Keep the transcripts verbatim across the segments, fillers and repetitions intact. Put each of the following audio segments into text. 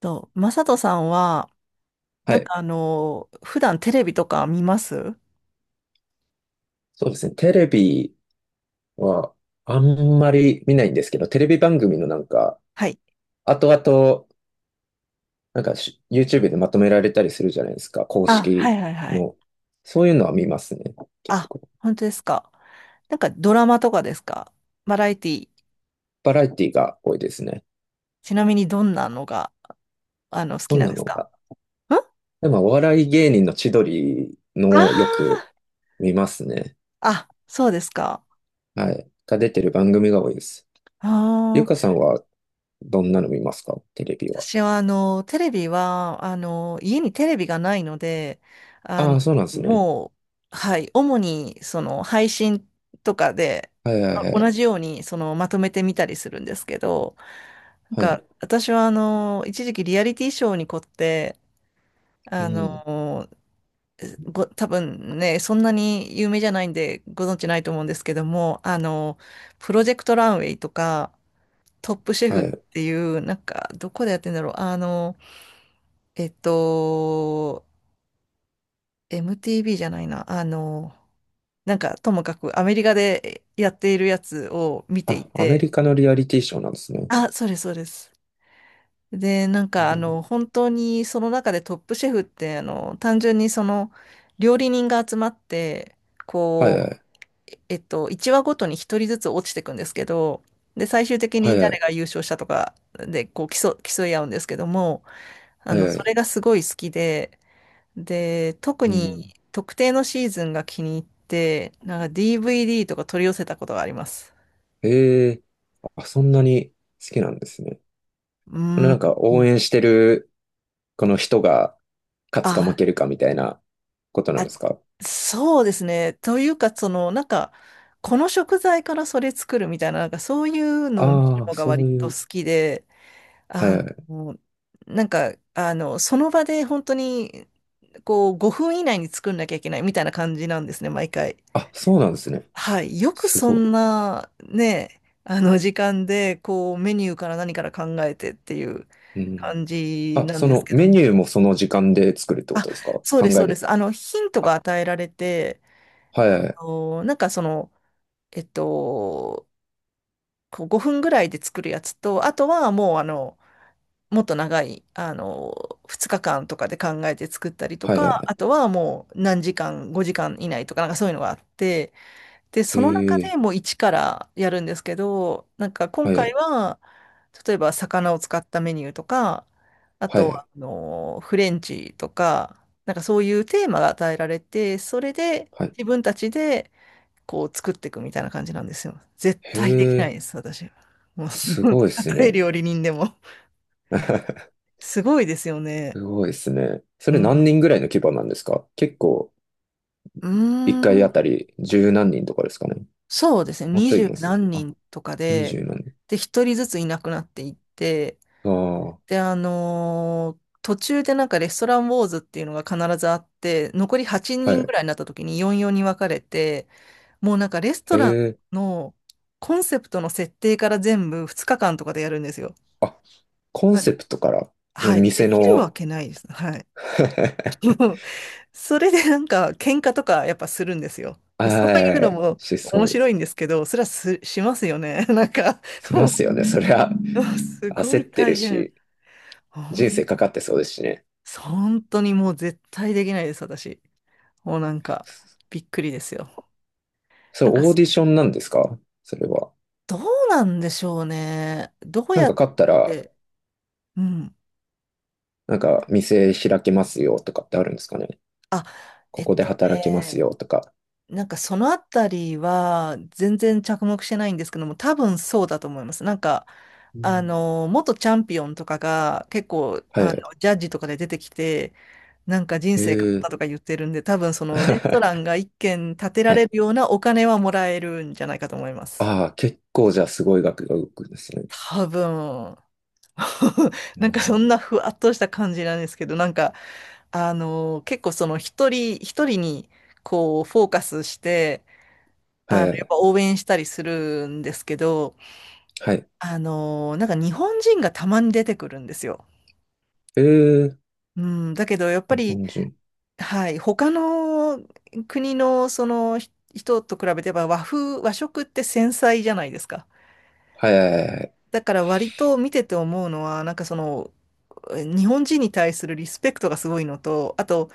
とマサトさんは、はなんい。かあの、普段テレビとか見ます？そうですね。テレビはあんまり見ないんですけど、テレビ番組のなんか、はい。後々、なんかし YouTube でまとめられたりするじゃないですか。公あ、は式いはいはい。の。そういうのは見ますね。結あ、構。本当ですか。なんかドラマとかですか？バラエティ、バラエティが多いですね。ちなみにどんなのが、あの、好そきんなんなですのか？が。んあでも、お笑い芸人の千鳥あのをよくー、見ますね。あ、そうですか。はい。が出てる番組が多いです。ゆああ、かさんはどんなの見ますかテレビは。私はあのテレビはあの家にテレビがないので、ああのあ、そうなんですね。もう、はい、主にその配信とかで、はいはあ、いはい。同じようにそのまとめてみたりするんですけど、なんはかい。私はあの一時期リアリティショーに凝って、うあん。のご多分ね、そんなに有名じゃないんでご存知ないと思うんですけども、あのプロジェクトランウェイとかトップシェはフっい。ていう、なんかどこでやってんだろう、あのえっと、エムティーブイ じゃないな。あの、なんか、ともかくアメリカでやっているやつを見ていあ、アメリて、カのリアリティショーなんですね。あ、そうです、そうです。で、なんうか、あん。の、本当にその中でトップシェフって、あの、単純にその、料理人が集まって、はいこはい。う、えっと、いちわごとにひとりずつ落ちていくんですけど、で、最終的はにいは誰い。が優勝したとかで、こう、競、競い合うんですけども、あはいの、はそい。れがすごい好きで、で、特うにん。特定のシーズンが気に入って、なんか ディーブイディー とか取り寄せたことがあります。ええ、あ、そんなに好きなんですね。うーなんん。か応援してるこの人が勝つか負あ、けるかみたいなことなんあ、ですか？そうですね。というか、その、なんか、この食材からそれ作るみたいな、なんかそういうのを見るああー、のがそ割ういとう。好きで、はいあはい。の、なんか、あの、その場で本当に、こう、ごふん以内に作んなきゃいけないみたいな感じなんですね、毎回。あ、そうなんですね。はい。よくすそごんな、ね、あの時間で、こう、メニューから何から考えてっていうい。うん。感じあ、なんそですのけどメニュも。ーもその時間で作るってことですか？そうです、考そえうでる、す。あの、ヒントがあ、与えられて、はいあはい。の、なんかその、えっと、こうごふんぐらいで作るやつと、あとはもう、あの、もっと長い、あの、ふつかかんとかで考えて作ったりとはいはか、あい。とはもう何時間、ごじかん以内とか、なんかそういうのがあって、で、へその中え。でもう一からやるんですけど、なんか今はいは回い。は、例えば魚を使ったメニューとか、あはといはは、い。あの、フレンチとか、なんかそういうテーマが与えられて、それではい。自分たちでこう作っていくみたいな感じなんですよ。絶へ対できないえ。です、私。もう、すごい でたすとえね。料理人でも。すごいですよね。すごいですね。そうれ何ん。人ぐらいの規模なんですか？結構、う一ー回あたん。り十何人とかですかね。そうですね。もう二ちょいい十ます。何あ、人とか二で、十何人。で、一人ずついなくなっていって、あで、あのー途中でなんかレストランウォーズっていうのが必ずあって、残り8あ、は人ぐい。らいになった時によんよんに分かれて、もうなんかレストへラえ。ンのコンセプトの設定から全部ふつかかんとかでやるんですよ。あ、コンセまプトから、うはん、い、で店きるわの。 けないです。はい。それでなんか喧嘩とかやっぱするんですよ。そういうはのい、もしそ面うで白す。いんですけど、それはす、しますよね。なんか、しまもすよね。そりゃ、うすご焦っいて大る変。し、もう人生か絶かってそうですしね。本当にもう絶対できないです、私。もうなんか、びっくりですよ。そなれんか、オーディションなんですか？それは。どうなんでしょうね。どうなんやかっ勝ったら、て、うん。なんか店開けますよとかってあるんですかね。あ、えこっこでと働けますね、よとか。なんかそのあたりは全然着目してないんですけども、多分そうだと思います。なんか、うあん。の、元チャンピオンとかが結構、はいあはの、い。ジャッジとかで出てきて、なんか人へ生変わっえ。たとか言ってるんで、多分そのレストラン が一軒建てらはれい。るようなお金はもらえるんじゃないかと思います。ああ、結構じゃあすごい額が動くんですね。多分、うなんかそん。んなふわっとした感じなんですけど、なんか、あのー結構その一人一人にこうフォーカスして、あはの、やいっはい。ぱ応援したりするんですけど、はい。あのーなんか日本人がたまに出てくるんですよ。へえ。うん、だけどやっぱ日り、本人。はい、他の国のそのひ人と比べてば和風、和食って繊細じゃないですか。はい。はいはいはい。だから割と見てて思うのは、なんかその日本人に対するリスペクトがすごいのと、あと、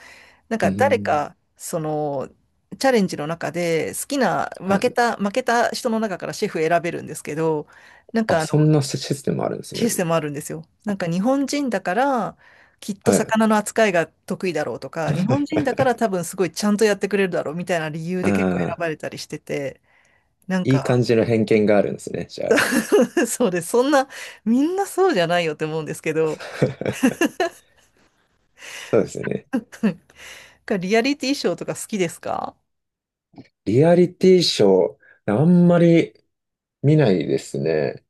なんうか誰ん。か、その、チャレンジの中で好きな、は負けい。た、負けた人の中からシェフ選べるんですけど、なんあ、かあその、んなシシステムあるんですシね。ステムあるんですよ。なんか日本人だから、きっとはい。魚の扱いが得意だろうとか、日本人だか ら多分すごいちゃんとやってくれるだろうみたいな理由で結構選ああ、ばれたりしてて、なんいいか 感じの偏見があるんですね。じゃあ。そうです。そんな、みんなそうじゃないよって思うんですけど、そうですね。なんかリアリティショーとか好きですか？リアリティショー、あんまり見ないですね。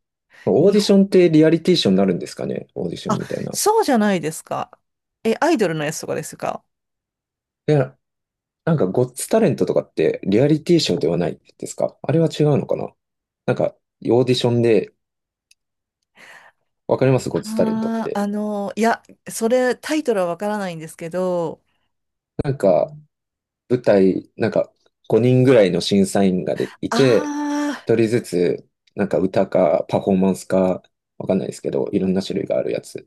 オーディションってリアリティショーになるんですかね？オーディションあ、みたいな。いそうじゃないですか。え、アイドルのやつとかですか？や、なんか、ゴッツタレントとかってリアリティショーではないですか？あれは違うのかな。なんか、オーディションで、わかりますゴッツタレントっああー、て。あの、いや、それ、タイトルはわからないんですけど、なんか、舞台、なんか、ごにんぐらいの審査員がでいて、あひとりずつ、なんか歌かパフォーマンスか、わかんないですけど、いろんな種類があるやつ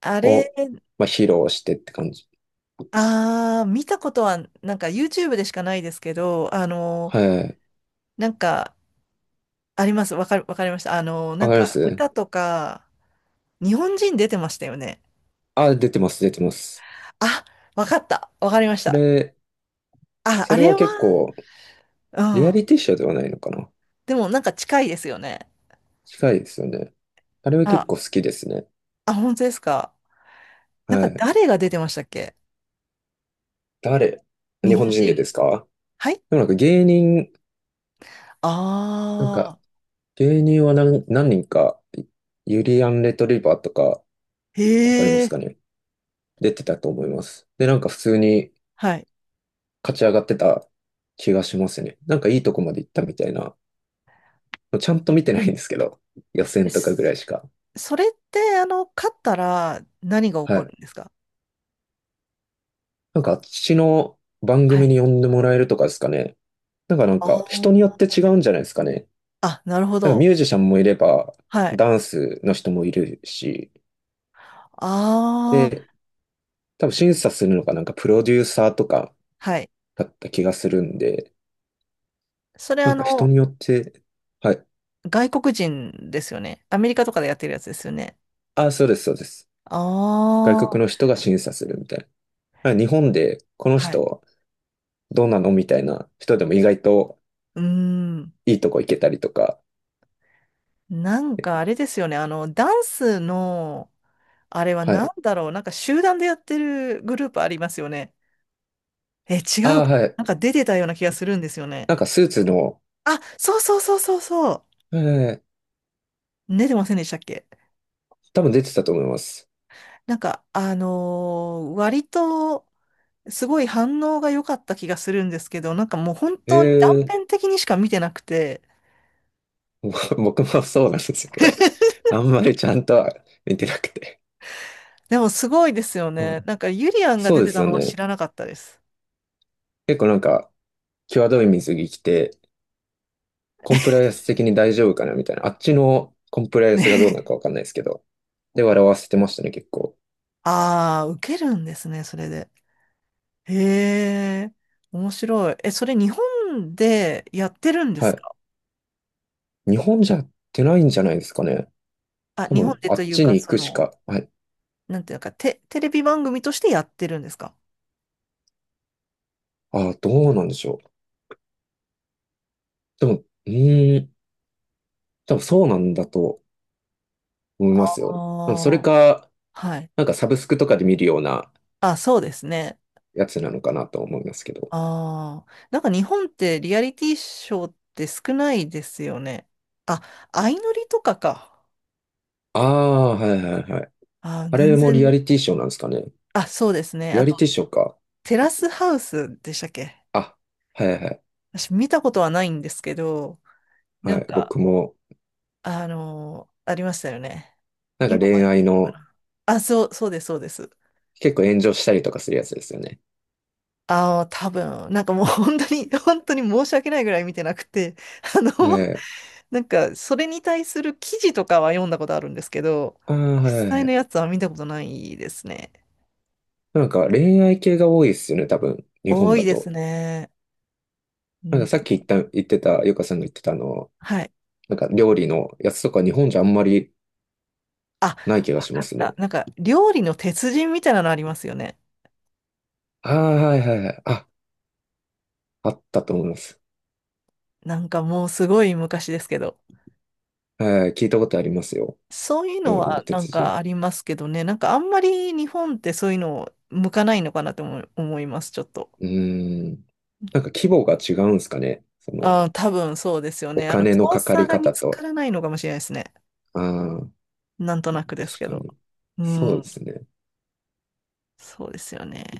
あ、あれ、を、まあ、披露してって感じ。ああ、見たことは、なんか YouTube でしかないですけど、あの、はい。なんか、あります。わかる、わかりました。あの、なわんかりまか、す。歌とか、日本人出てましたよね。あ、出てます、出てます。あ、わかった。わかりましそた。れ、あ、そあれれはは、結構、うリアん。リティショーではないのかな。でも、なんか近いですよね。近いですよね。あれはあ、結構好きですね。あ、本当ですか。なんはか、い。誰が出てましたっけ？誰、日日本本人で人。ですか？はい、でもなんか芸人、なんかああ、芸人は何、何人か、ユリアン・レトリバーとか、へわかりますえ、かね？出てたと思います。で、なんか普通にはい。勝ち上がってた気がしますね。なんかいいとこまで行ったみたいな。ちゃんと見てないんですけど、予選とかぐらすいしか。それって、あの、勝ったら何が起はこるい。んですか？なんかあっちの番は組い。に呼んでもらえるとかですかね。なんかなんかあ人によってあ、違うんじゃないですかね。あ、なるほなんかミど。ュージシャンもいれば、はい。ダンスの人もいるし、ああ、で、多分審査するのがなんかプロデューサーとかはい。だった気がするんで、それ、なあんか人の、によって、はい。外国人ですよね。アメリカとかでやってるやつですよね。あ、そうです、そうです。あ外国のあ、人が審査するみたいな。まあ日本でこのはい。人どうなのみたいな人でも意外とうーん。いいとこ行けたりとか。なんかあれですよね。あの、ダンスの、あれはは何い。だろう。なんか集団でやってるグループありますよね。え、違あうあ、か。はい。なんか出てたような気がするんですよね。なんかスーツの、あ、そうそうそうそうそう。えー、出てませんでしたっけ？多分出てたと思います。なんか、あのー割と、すごい反応が良かった気がするんですけど、なんかもう本え当に断え。 片的にしか見てなくて、僕もそうなんですけど、あんまりちゃんとは見てなくて。でもすごいですよはね。い、なんかユリアンがそ出うでてすたよのは知ね。らなかったです。結構なんか、際どい水着着て、コンプライアンス的に大丈夫かなみたいな。あっちのコンプライアンね。スがどうなのかわ かんないですけど。で、笑わせてましたね、結構。ああ、受けるんですね、それで。へえ、面白い。え、それ日本でやってるんではすい。か？日本じゃやってないんじゃないですかね。あ、多日本分、であとっいうちにか、行そくしの、か。はい。なんていうのか、テ、テレビ番組としてやってるんですか？ああ、どうなんでしょう。でも、うーん、多分そうなんだと思いますよ。でもそれああ、か、はい。なんかサブスクとかで見るようなあ、そうですね。やつなのかなと思いますけど。ああ、なんか日本ってリアリティショーって少ないですよね。あ、相乗りとかか。ああ、はいはいはい。あー、あ全れもリア然。リティショーなんですかね。あ、そうですね。リあアと、リティショーか。テラスハウスでしたっけ？あ、はいはい私見たことはないんですけど、なはんい。か、僕も、あのーありましたよね。なんか今も恋やっ愛てるのかの、な。あ、そう、そうです、そうです。結構炎上したりとかするやつですよね。ああ、多分、なんかもう 本当に、本当に申し訳ないぐらい見てなくて、あの、は い。なんか、それに対する記事とかは読んだことあるんですけど、ああ、はいは実い際はのい。やつは見たことないですね。なんか恋愛系が多いですよね、多分、日本多だいですと。ね。うなんかん、さっき言った、言ってた、ゆかさんが言ってたあの、はい。なんか料理のやつとか日本じゃあんまりあ、ない気がわしまかっすた。ね。なんか、料理の鉄人みたいなのありますよね。ああ、はいはいはい。あ、あったと思います。なんかもうすごい昔ですけど。はい、聞いたことありますよ。そういうの料理のはなん鉄か人。ありますけどね。なんかあんまり日本ってそういうの向かないのかなと思い思います、ちょっと。うーん。なんか規模が違うんですかね。その、ああ、多分そうですよおね。あの、金スのポンかかサーりが見方つかと。らないのかもしれないですね。ああ。なんとなくです確けかど。に。うそうでん。すね。そうですよね。